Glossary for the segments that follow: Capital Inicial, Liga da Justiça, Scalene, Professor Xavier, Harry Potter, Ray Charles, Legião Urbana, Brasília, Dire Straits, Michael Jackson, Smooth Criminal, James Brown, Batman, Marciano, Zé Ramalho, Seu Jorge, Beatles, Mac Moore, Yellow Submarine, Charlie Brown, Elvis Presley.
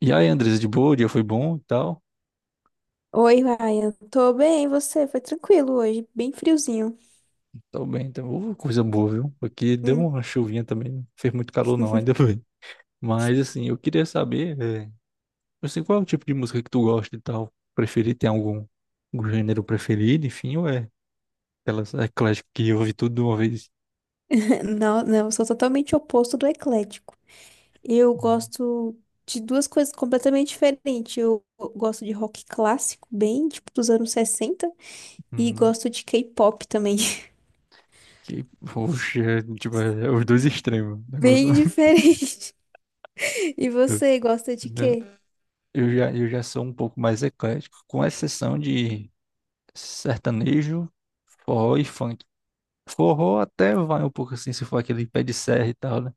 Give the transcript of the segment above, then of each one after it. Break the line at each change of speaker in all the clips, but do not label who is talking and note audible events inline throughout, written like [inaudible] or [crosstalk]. E aí, Andresa, de boa? O dia foi bom e tal?
Oi, Ryan. Tô bem, e você? Foi tranquilo hoje, bem friozinho.
Tô bem, então. Ô, coisa boa, viu? Aqui deu
Hum.
uma chuvinha também, não fez muito calor não, ainda [laughs]
[laughs]
bem. Mas, assim, eu queria saber, assim, qual é o tipo de música que tu gosta e tal? Preferir, tem algum gênero preferido, enfim, ou é aquelas ecléticas que ouve tudo de uma vez?
Não, não, eu sou totalmente oposto do eclético. Eu gosto de duas coisas completamente diferentes. Eu gosto de rock clássico, bem tipo dos anos 60, e
Hum,
gosto de K-pop também.
que, poxa, é, tipo, é os dois extremos, o
[laughs]
negócio.
Bem diferente. E
[laughs]
você gosta de
Né?
quê?
Eu já sou um pouco mais eclético, com exceção de sertanejo, forró e funk. Forró até vai um pouco assim, se for aquele pé de serra e tal, né?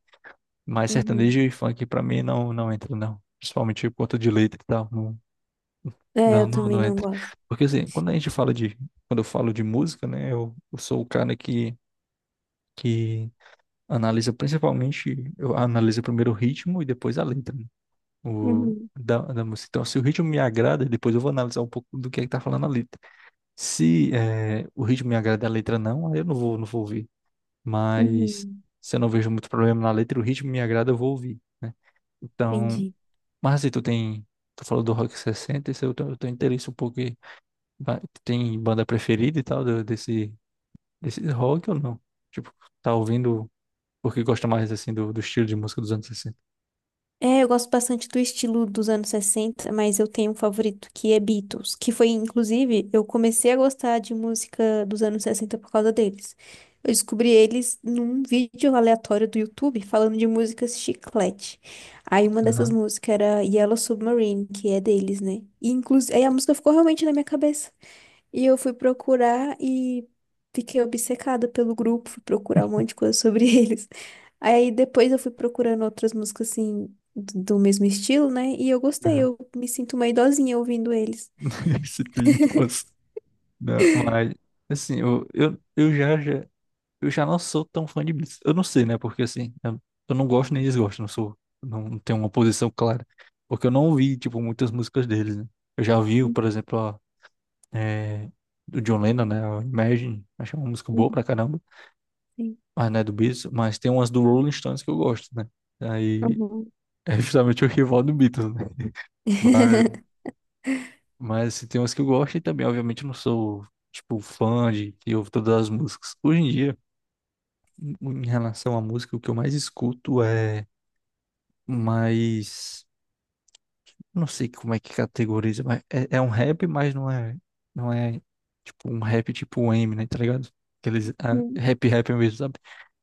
Mas
Uhum.
sertanejo e funk pra mim não entra, não. Principalmente por conta de letra e tal,
É, eu também
não
não
entra.
gosto.
Porque assim, quando a gente fala de, quando eu falo de música, né? Eu sou o cara que analisa principalmente, eu analiso primeiro o ritmo e depois a letra, né? O,
Uhum.
da, da música. Então, se o ritmo me agrada, depois eu vou analisar um pouco do que é que tá falando a letra. Se o ritmo me agrada e a letra não, aí eu não vou ouvir. Mas
Uhum.
se eu não vejo muito problema na letra e o ritmo me agrada, eu vou ouvir, né? Então,
Entendi.
mas se tu tem, tu falou do Rock 60, se eu tenho, eu tenho interesse um pouco, tem banda preferida e tal desse rock ou não? Tipo, tá ouvindo porque gosta mais, assim, do estilo de música dos anos 60.
É, eu gosto bastante do estilo dos anos 60, mas eu tenho um favorito que é Beatles, que foi, inclusive, eu comecei a gostar de música dos anos 60 por causa deles. Eu descobri eles num vídeo aleatório do YouTube falando de músicas chiclete. Aí uma dessas
Aham,
músicas era Yellow Submarine, que é deles, né? E inclusive, aí a música ficou realmente na minha cabeça. E eu fui procurar e fiquei obcecada pelo grupo, fui procurar um monte de coisa sobre [laughs] eles. Aí depois eu fui procurando outras músicas assim do mesmo estilo, né? E eu gostei,
aham.
eu me sinto uma idosinha ouvindo eles.
[laughs] Esse Twin Toes. Não, mas, assim, eu já Eu já não sou tão fã de Blitz. Eu não sei, né? Porque assim, eu não gosto nem desgosto, não sou, não não tenho uma posição clara. Porque eu não ouvi, tipo, muitas músicas deles, né? Eu já ouvi, por exemplo, é, do John Lennon, né? A Imagine, achei uma música boa
Uhum.
pra caramba,
Sim.
mas não é do Beatles, mas tem umas do Rolling Stones que eu gosto, né? Aí
Uhum.
é justamente o rival do Beatles, né? Mas,
[laughs]
mas assim, tem umas que eu gosto e também, obviamente, eu não sou, tipo, fã de que ouve todas as músicas. Hoje em dia, em em relação à música, o que eu mais escuto é, mas não sei como é que categoriza, mas é um rap, mas não é tipo um rap tipo M, né, tá ligado? Aqueles ah,
Uhum.
rap rap mesmo, sabe?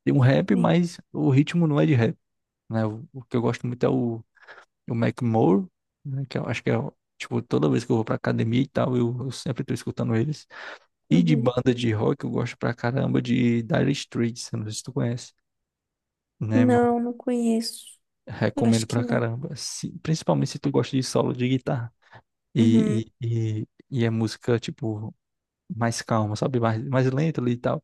Tem um rap,
Sim.
mas o ritmo não é de rap, né? O que eu gosto muito o Mac Moore, né, que eu acho que é, tipo, toda vez que eu vou pra academia e tal, eu sempre tô escutando eles. E de
Uhum.
banda de rock, eu gosto pra caramba de Dire Straits, eu não sei se tu conhece. Né, mas
Não, não conheço. Acho
recomendo
que
pra
não.
caramba, principalmente se tu gosta de solo de guitarra. E,
Uhum,
e, e, e é música, tipo, mais calma, sabe? Mais lenta ali e tal.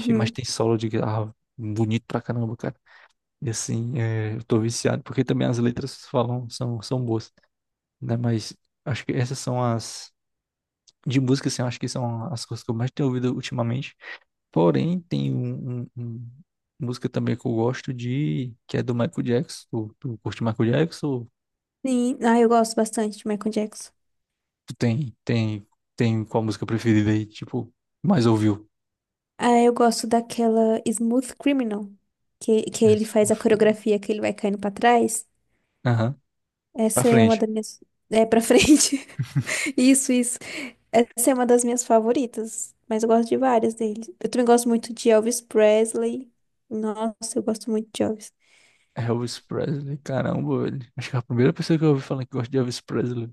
Enfim, mas tem solo de guitarra bonito pra caramba, cara. E assim, é, eu tô viciado, porque também as letras falam, são boas, né? Mas acho que essas são as. De música, assim, eu acho que são as coisas que eu mais tenho ouvido ultimamente. Porém, tem música também que eu gosto de, que é do Michael Jackson. Tu curte Michael Jackson? Ou
Sim, ah, eu gosto bastante de Michael Jackson.
tu tem qual música preferida aí, tipo, mais ouviu?
Ah, eu gosto daquela Smooth Criminal, que ele
Mas,
faz a
uf.
coreografia que ele vai caindo pra trás.
Aham. Pra
Essa é uma
frente.
das minhas. [laughs] É, pra frente. [laughs] Isso, isso. Essa é uma das minhas favoritas, mas eu gosto de várias deles. Eu também gosto muito de Elvis Presley. Nossa, eu gosto muito de Elvis.
Elvis Presley, caramba, velho. Acho que é a primeira pessoa que eu ouvi falar que gosta de Elvis Presley.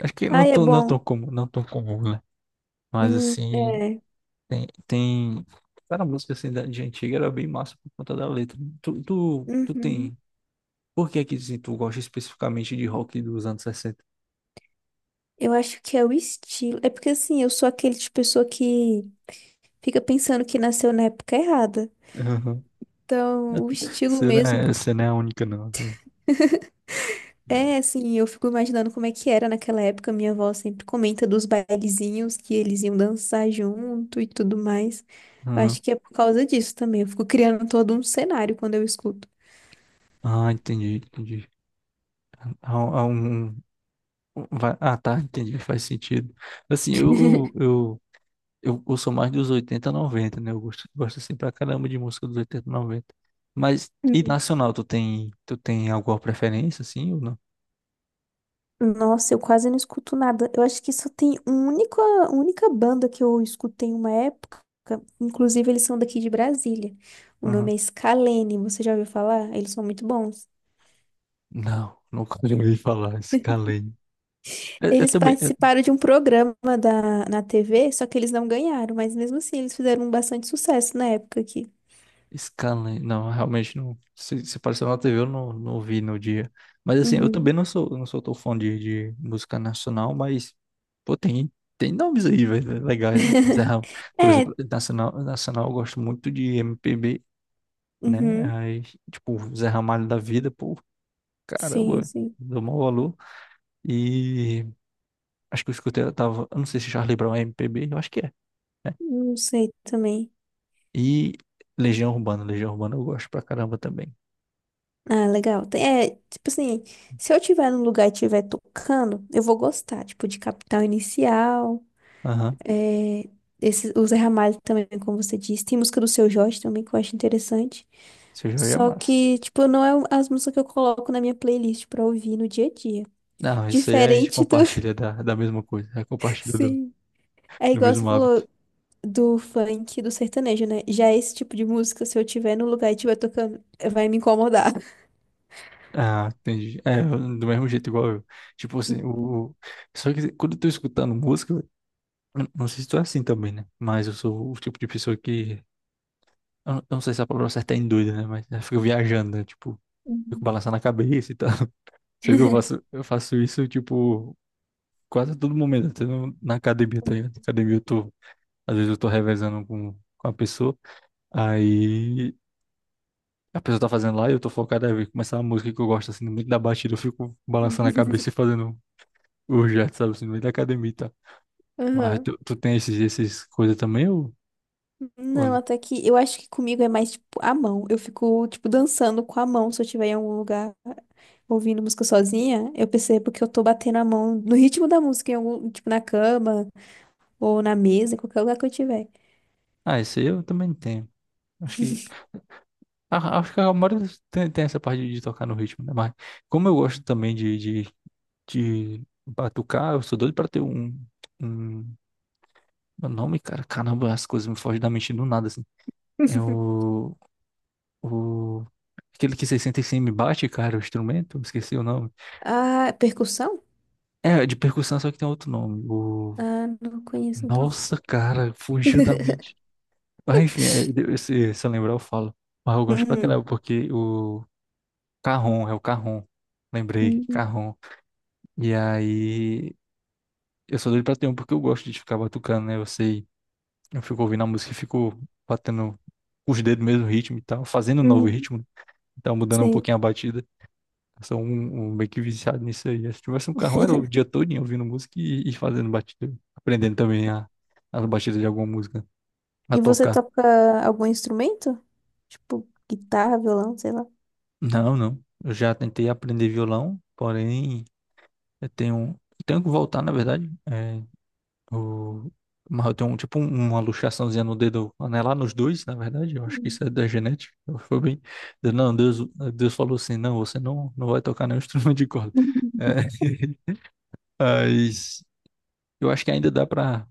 Acho que
Ai, é
não tão
bom.
comum, não tão comum, né? Mas assim,
É.
tem. Cara, a música assim de antiga era bem massa por conta da letra. Tu
Uhum.
tem. Por que é que assim, tu gosta especificamente de rock dos anos 60?
Eu acho que é o estilo. É porque, assim, eu sou aquele tipo de pessoa que fica pensando que nasceu na época errada.
Aham.
Então, o estilo mesmo.
Você não é a única, não.
É, assim, eu fico imaginando como é que era naquela época. Minha avó sempre comenta dos bailezinhos que eles iam dançar junto e tudo mais. Eu acho
Aham.
que é por causa disso também. Eu fico criando todo um cenário quando eu escuto.
Entendi. Há, há um, Vai- Ah, tá, entendi, faz sentido. Assim, eu sou mais dos 80 90, né? Gosto assim pra caramba de música dos 80 90. Mas, e
Hum.
nacional, tu tem alguma preferência, assim, ou não?
Nossa, eu quase não escuto nada. Eu acho que só tem única banda que eu escutei uma época. Inclusive, eles são daqui de Brasília. O
Aham.
nome é Scalene. Você já ouviu falar? Eles são muito bons.
Não, nunca ouvi falar, esse calei. Eu
Eles
também, é,
participaram de um programa da, na TV, só que eles não ganharam, mas mesmo assim eles fizeram um bastante sucesso na época aqui.
Scanlan, não, realmente não. Se apareceu na TV, eu não vi no dia. Mas assim, eu também
Uhum.
não sou tão fã de música nacional, mas, pô, tem nomes aí, velho, legais, né? Tipo,
[laughs]
Por exemplo,
É,
nacional eu gosto muito de MPB, né?
uhum,
Aí, tipo, Zé Ramalho da Vida, pô, caramba,
sim,
velho,
sim.
dou maior valor. E acho que eu escutei, eu tava, eu não sei se Charlie Brown é MPB, eu acho que é.
Não sei também.
E Legião Urbana eu gosto pra caramba também.
Ah, legal. Tem- É, tipo assim, se eu tiver num lugar e estiver tocando, eu vou gostar, tipo, de Capital Inicial,
Aham.
é, esse, o Zé Ramalho também, como você disse. Tem música do Seu Jorge também, que eu acho interessante.
Seu Jorge é
Só
massa.
que, tipo, não é as músicas que eu coloco na minha playlist pra ouvir no dia a dia.
Não, isso aí a gente
Diferente do.
compartilha da mesma coisa, é
[laughs]
compartilha do,
Sim. É
do
igual você
mesmo hábito.
falou do funk, do sertanejo, né? Já é esse tipo de música, se eu tiver no lugar e estiver tocando, vai me incomodar.
Ah, entendi. É, do mesmo jeito igual eu. Tipo assim, o, só que quando eu tô escutando música, eu, não sei se tu é assim também, né? Mas eu sou o tipo de pessoa que. Eu não sei se a palavra certa é em doida, né? Mas eu fico viajando, né? Tipo, fico
Uhum.
balançando a cabeça e tal. [laughs] Só que
[laughs]
eu faço isso, tipo, quase a todo momento, até na academia, tá ligado? Na academia eu tô. Às vezes eu tô revezando com a pessoa. Aí, a pessoa tá fazendo lá e eu tô focado, aí começar uma música que eu gosto, assim, no meio da batida, eu fico balançando a cabeça e fazendo o jet, sabe, assim, no meio da academia, e tal. Mas
Aham.
tu, esses coisas também ou
Não,
não?
até que eu acho que comigo é mais tipo a mão. Eu fico, tipo, dançando com a mão se eu estiver em algum lugar ouvindo música sozinha. Eu percebo que eu tô batendo a mão no ritmo da música, em algum, tipo, na cama ou na mesa, em qualquer lugar que eu tiver.
Ah, esse aí eu também tenho. Acho que, ah, acho que a maioria tem essa parte de tocar no ritmo, né? Mas como eu gosto também de batucar, eu sou doido pra ter um, um. Meu nome, cara, caramba, as coisas me fogem da mente do nada, assim. É
[laughs]
o. Aquele que 65 me bate, cara, o instrumento, esqueci o nome.
Ah, percussão?
É, de percussão, só que tem outro nome. O.
Ah, não conheço, então.
Nossa, cara, fugiu da mente.
[laughs]
Mas enfim, é, se eu lembrar, eu falo. Mas eu gosto pra
Uhum,
caramba, porque o Carrom, é o Carrom. Lembrei,
uhum,
Carrom. E aí, eu sou doido pra ter um, porque eu gosto de ficar batucando, né? Eu sei, eu fico ouvindo a música e fico batendo os dedos no mesmo ritmo e tal, fazendo um novo
uhum,
ritmo, então mudando um
sim.
pouquinho a batida. Sou um meio que viciado nisso aí. Se tivesse um carrão, era o dia
[laughs]
todinho ouvindo música e fazendo batida. Aprendendo também a, as batidas de alguma música a
E você
tocar.
toca algum instrumento? Tipo, guitarra, violão, sei lá.
Não, não. Eu já tentei aprender violão, porém eu tenho, eu tenho que voltar, na verdade. É, o, mas eu tenho um, uma luxaçãozinha no dedo anelar nos dois, na verdade. Eu acho que isso é da genética. Foi bem. Eu- Não, Deus, Deus falou assim: não, você não vai tocar nenhum [laughs] instrumento de corda.
Uhum,
É, [laughs] mas eu acho que ainda dá para.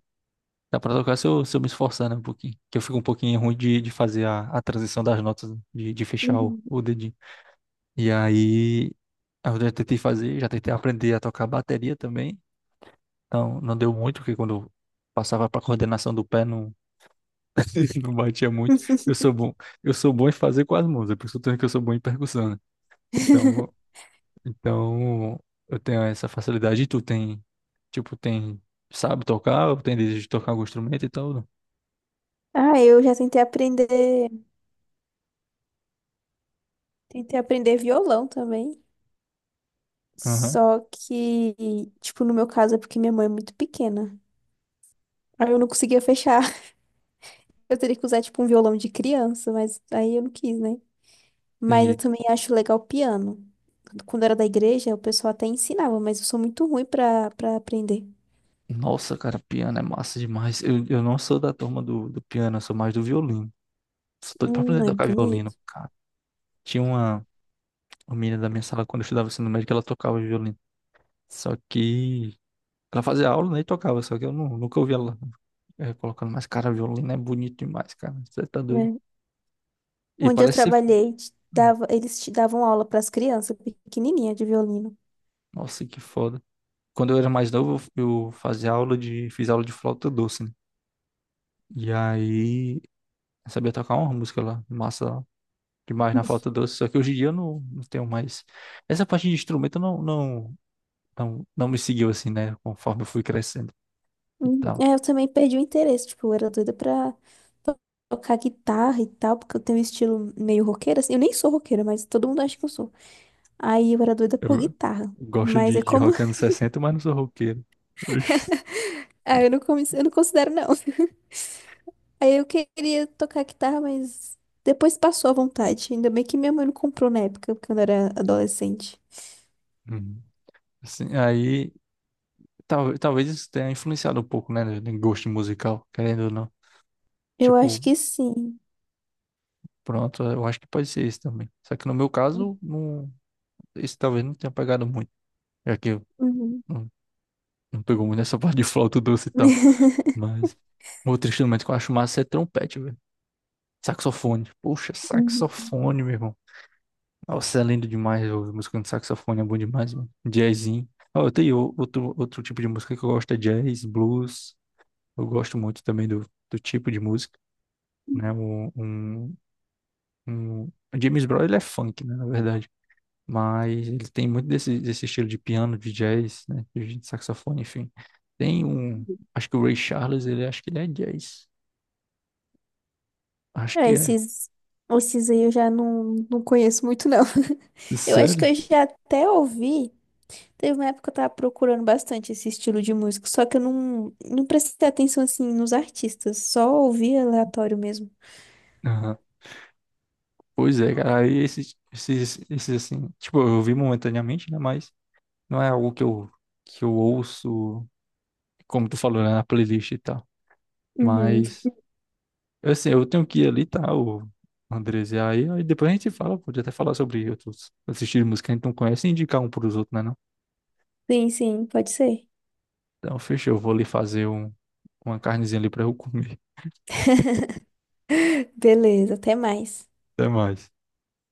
Dá pra tocar se se eu me esforçar, né, um pouquinho. Que eu fico um pouquinho ruim de fazer a transição das notas, de fechar
uhum.
o dedinho. E aí, eu já tentei fazer, já tentei aprender a tocar bateria também. Então, não deu muito, porque quando eu passava pra coordenação do pé, não, [laughs] não batia muito. Eu sou bom, eu sou bom em fazer com as mãos, é por isso que eu sou bom em percussão, né? Então,
[laughs]
então, eu tenho essa facilidade. E tipo, tem, sabe tocar, ou tem desejo de tocar algum instrumento e tal?
Ah, eu já tentei aprender violão também.
Aham,
Só que, tipo, no meu caso é porque minha mãe é muito pequena. Aí eu não conseguia fechar. [laughs] Eu teria que usar, tipo, um violão de criança, mas aí eu não quis, né? Mas eu
entendi.
também acho legal piano. Quando era da igreja, o pessoal até ensinava, mas eu sou muito ruim pra para aprender.
Nossa, cara, piano é massa demais. Eu não sou da turma do piano, eu sou mais do violino. Sou doido pra aprender a
É
tocar violino,
bonito,
cara. Tinha uma menina da minha sala, quando eu estudava ensino médio, que ela tocava violino. Só que ela fazia aula, né, e tocava, só que eu nunca ouvi ela colocando. Mas, cara, violino é bonito demais, cara. Você tá doido.
né?
E
Onde eu
parece ser.
trabalhei, eles te davam aula para as crianças pequenininha de violino.
Nossa, que foda. Quando eu era mais novo, eu fazia aula de. Fiz aula de flauta doce, né? E aí, eu sabia tocar uma música lá, massa demais na flauta doce, só que hoje em dia eu não tenho mais. Essa parte de instrumento não me seguiu assim, né? Conforme eu fui crescendo e tal.
É, eu também perdi o interesse, tipo, eu era doida pra to- tocar guitarra e tal, porque eu tenho um estilo meio roqueira, assim, eu nem sou roqueira, mas todo mundo acha que eu sou. Aí eu era doida por
Eu
guitarra,
gosto
mas é
de
como,
rock anos 60, mas não sou roqueiro. Ux.
[laughs] ah, eu não considero não. Aí eu queria tocar guitarra, mas depois passou a vontade. Ainda bem que minha mãe não comprou na época, quando eu era adolescente.
Hum. Assim, aí talvez isso tenha influenciado um pouco, né? No gosto musical, querendo ou não.
Eu acho
Tipo,
que sim.
pronto, eu acho que pode ser isso também. Só que no meu caso, não, isso talvez não tenha pegado muito, já que eu
Uhum.
não, não pegou muito nessa [laughs] parte de flauta doce e tal.
[laughs]
Mas outro instrumento que eu acho massa é trompete, velho. Saxofone. Poxa,
Uhum.
saxofone, meu irmão. Nossa, é lindo demais ouvir música de saxofone, é bom demais, mano. Jazzinho. Ah, eu tenho outro, outro tipo de música que eu gosto, é jazz, blues. Eu gosto muito também do tipo de música, né? O James Brown, ele é funk, né, na verdade. Mas ele tem muito desse estilo de piano, de jazz, né? De saxofone, enfim. Tem um. Acho que o Ray Charles, ele acho que ele é jazz. Acho
É,
que é.
esses aí eu já não conheço muito, não. [laughs] Eu acho que
Sério?
eu já até ouvi. Teve uma época que eu tava procurando bastante esse estilo de música, só que eu não prestei atenção assim nos artistas, só ouvi aleatório mesmo.
Aham. Pois é, cara, aí esses assim, tipo, eu vi momentaneamente, né, mas não é algo que eu ouço, como tu falou, né, na playlist e tal,
Uhum.
mas, assim, eu tenho que ir ali, tá, o Andres, e aí, aí depois a gente fala, pode até falar sobre outros assistir de música que a gente não conhece e indicar um pros outros, né, não?
Sim, sim, pode ser.
Então, fechou, eu vou ali fazer um, uma carnezinha ali pra eu comer.
[laughs] Beleza, até mais.
[laughs] Até mais.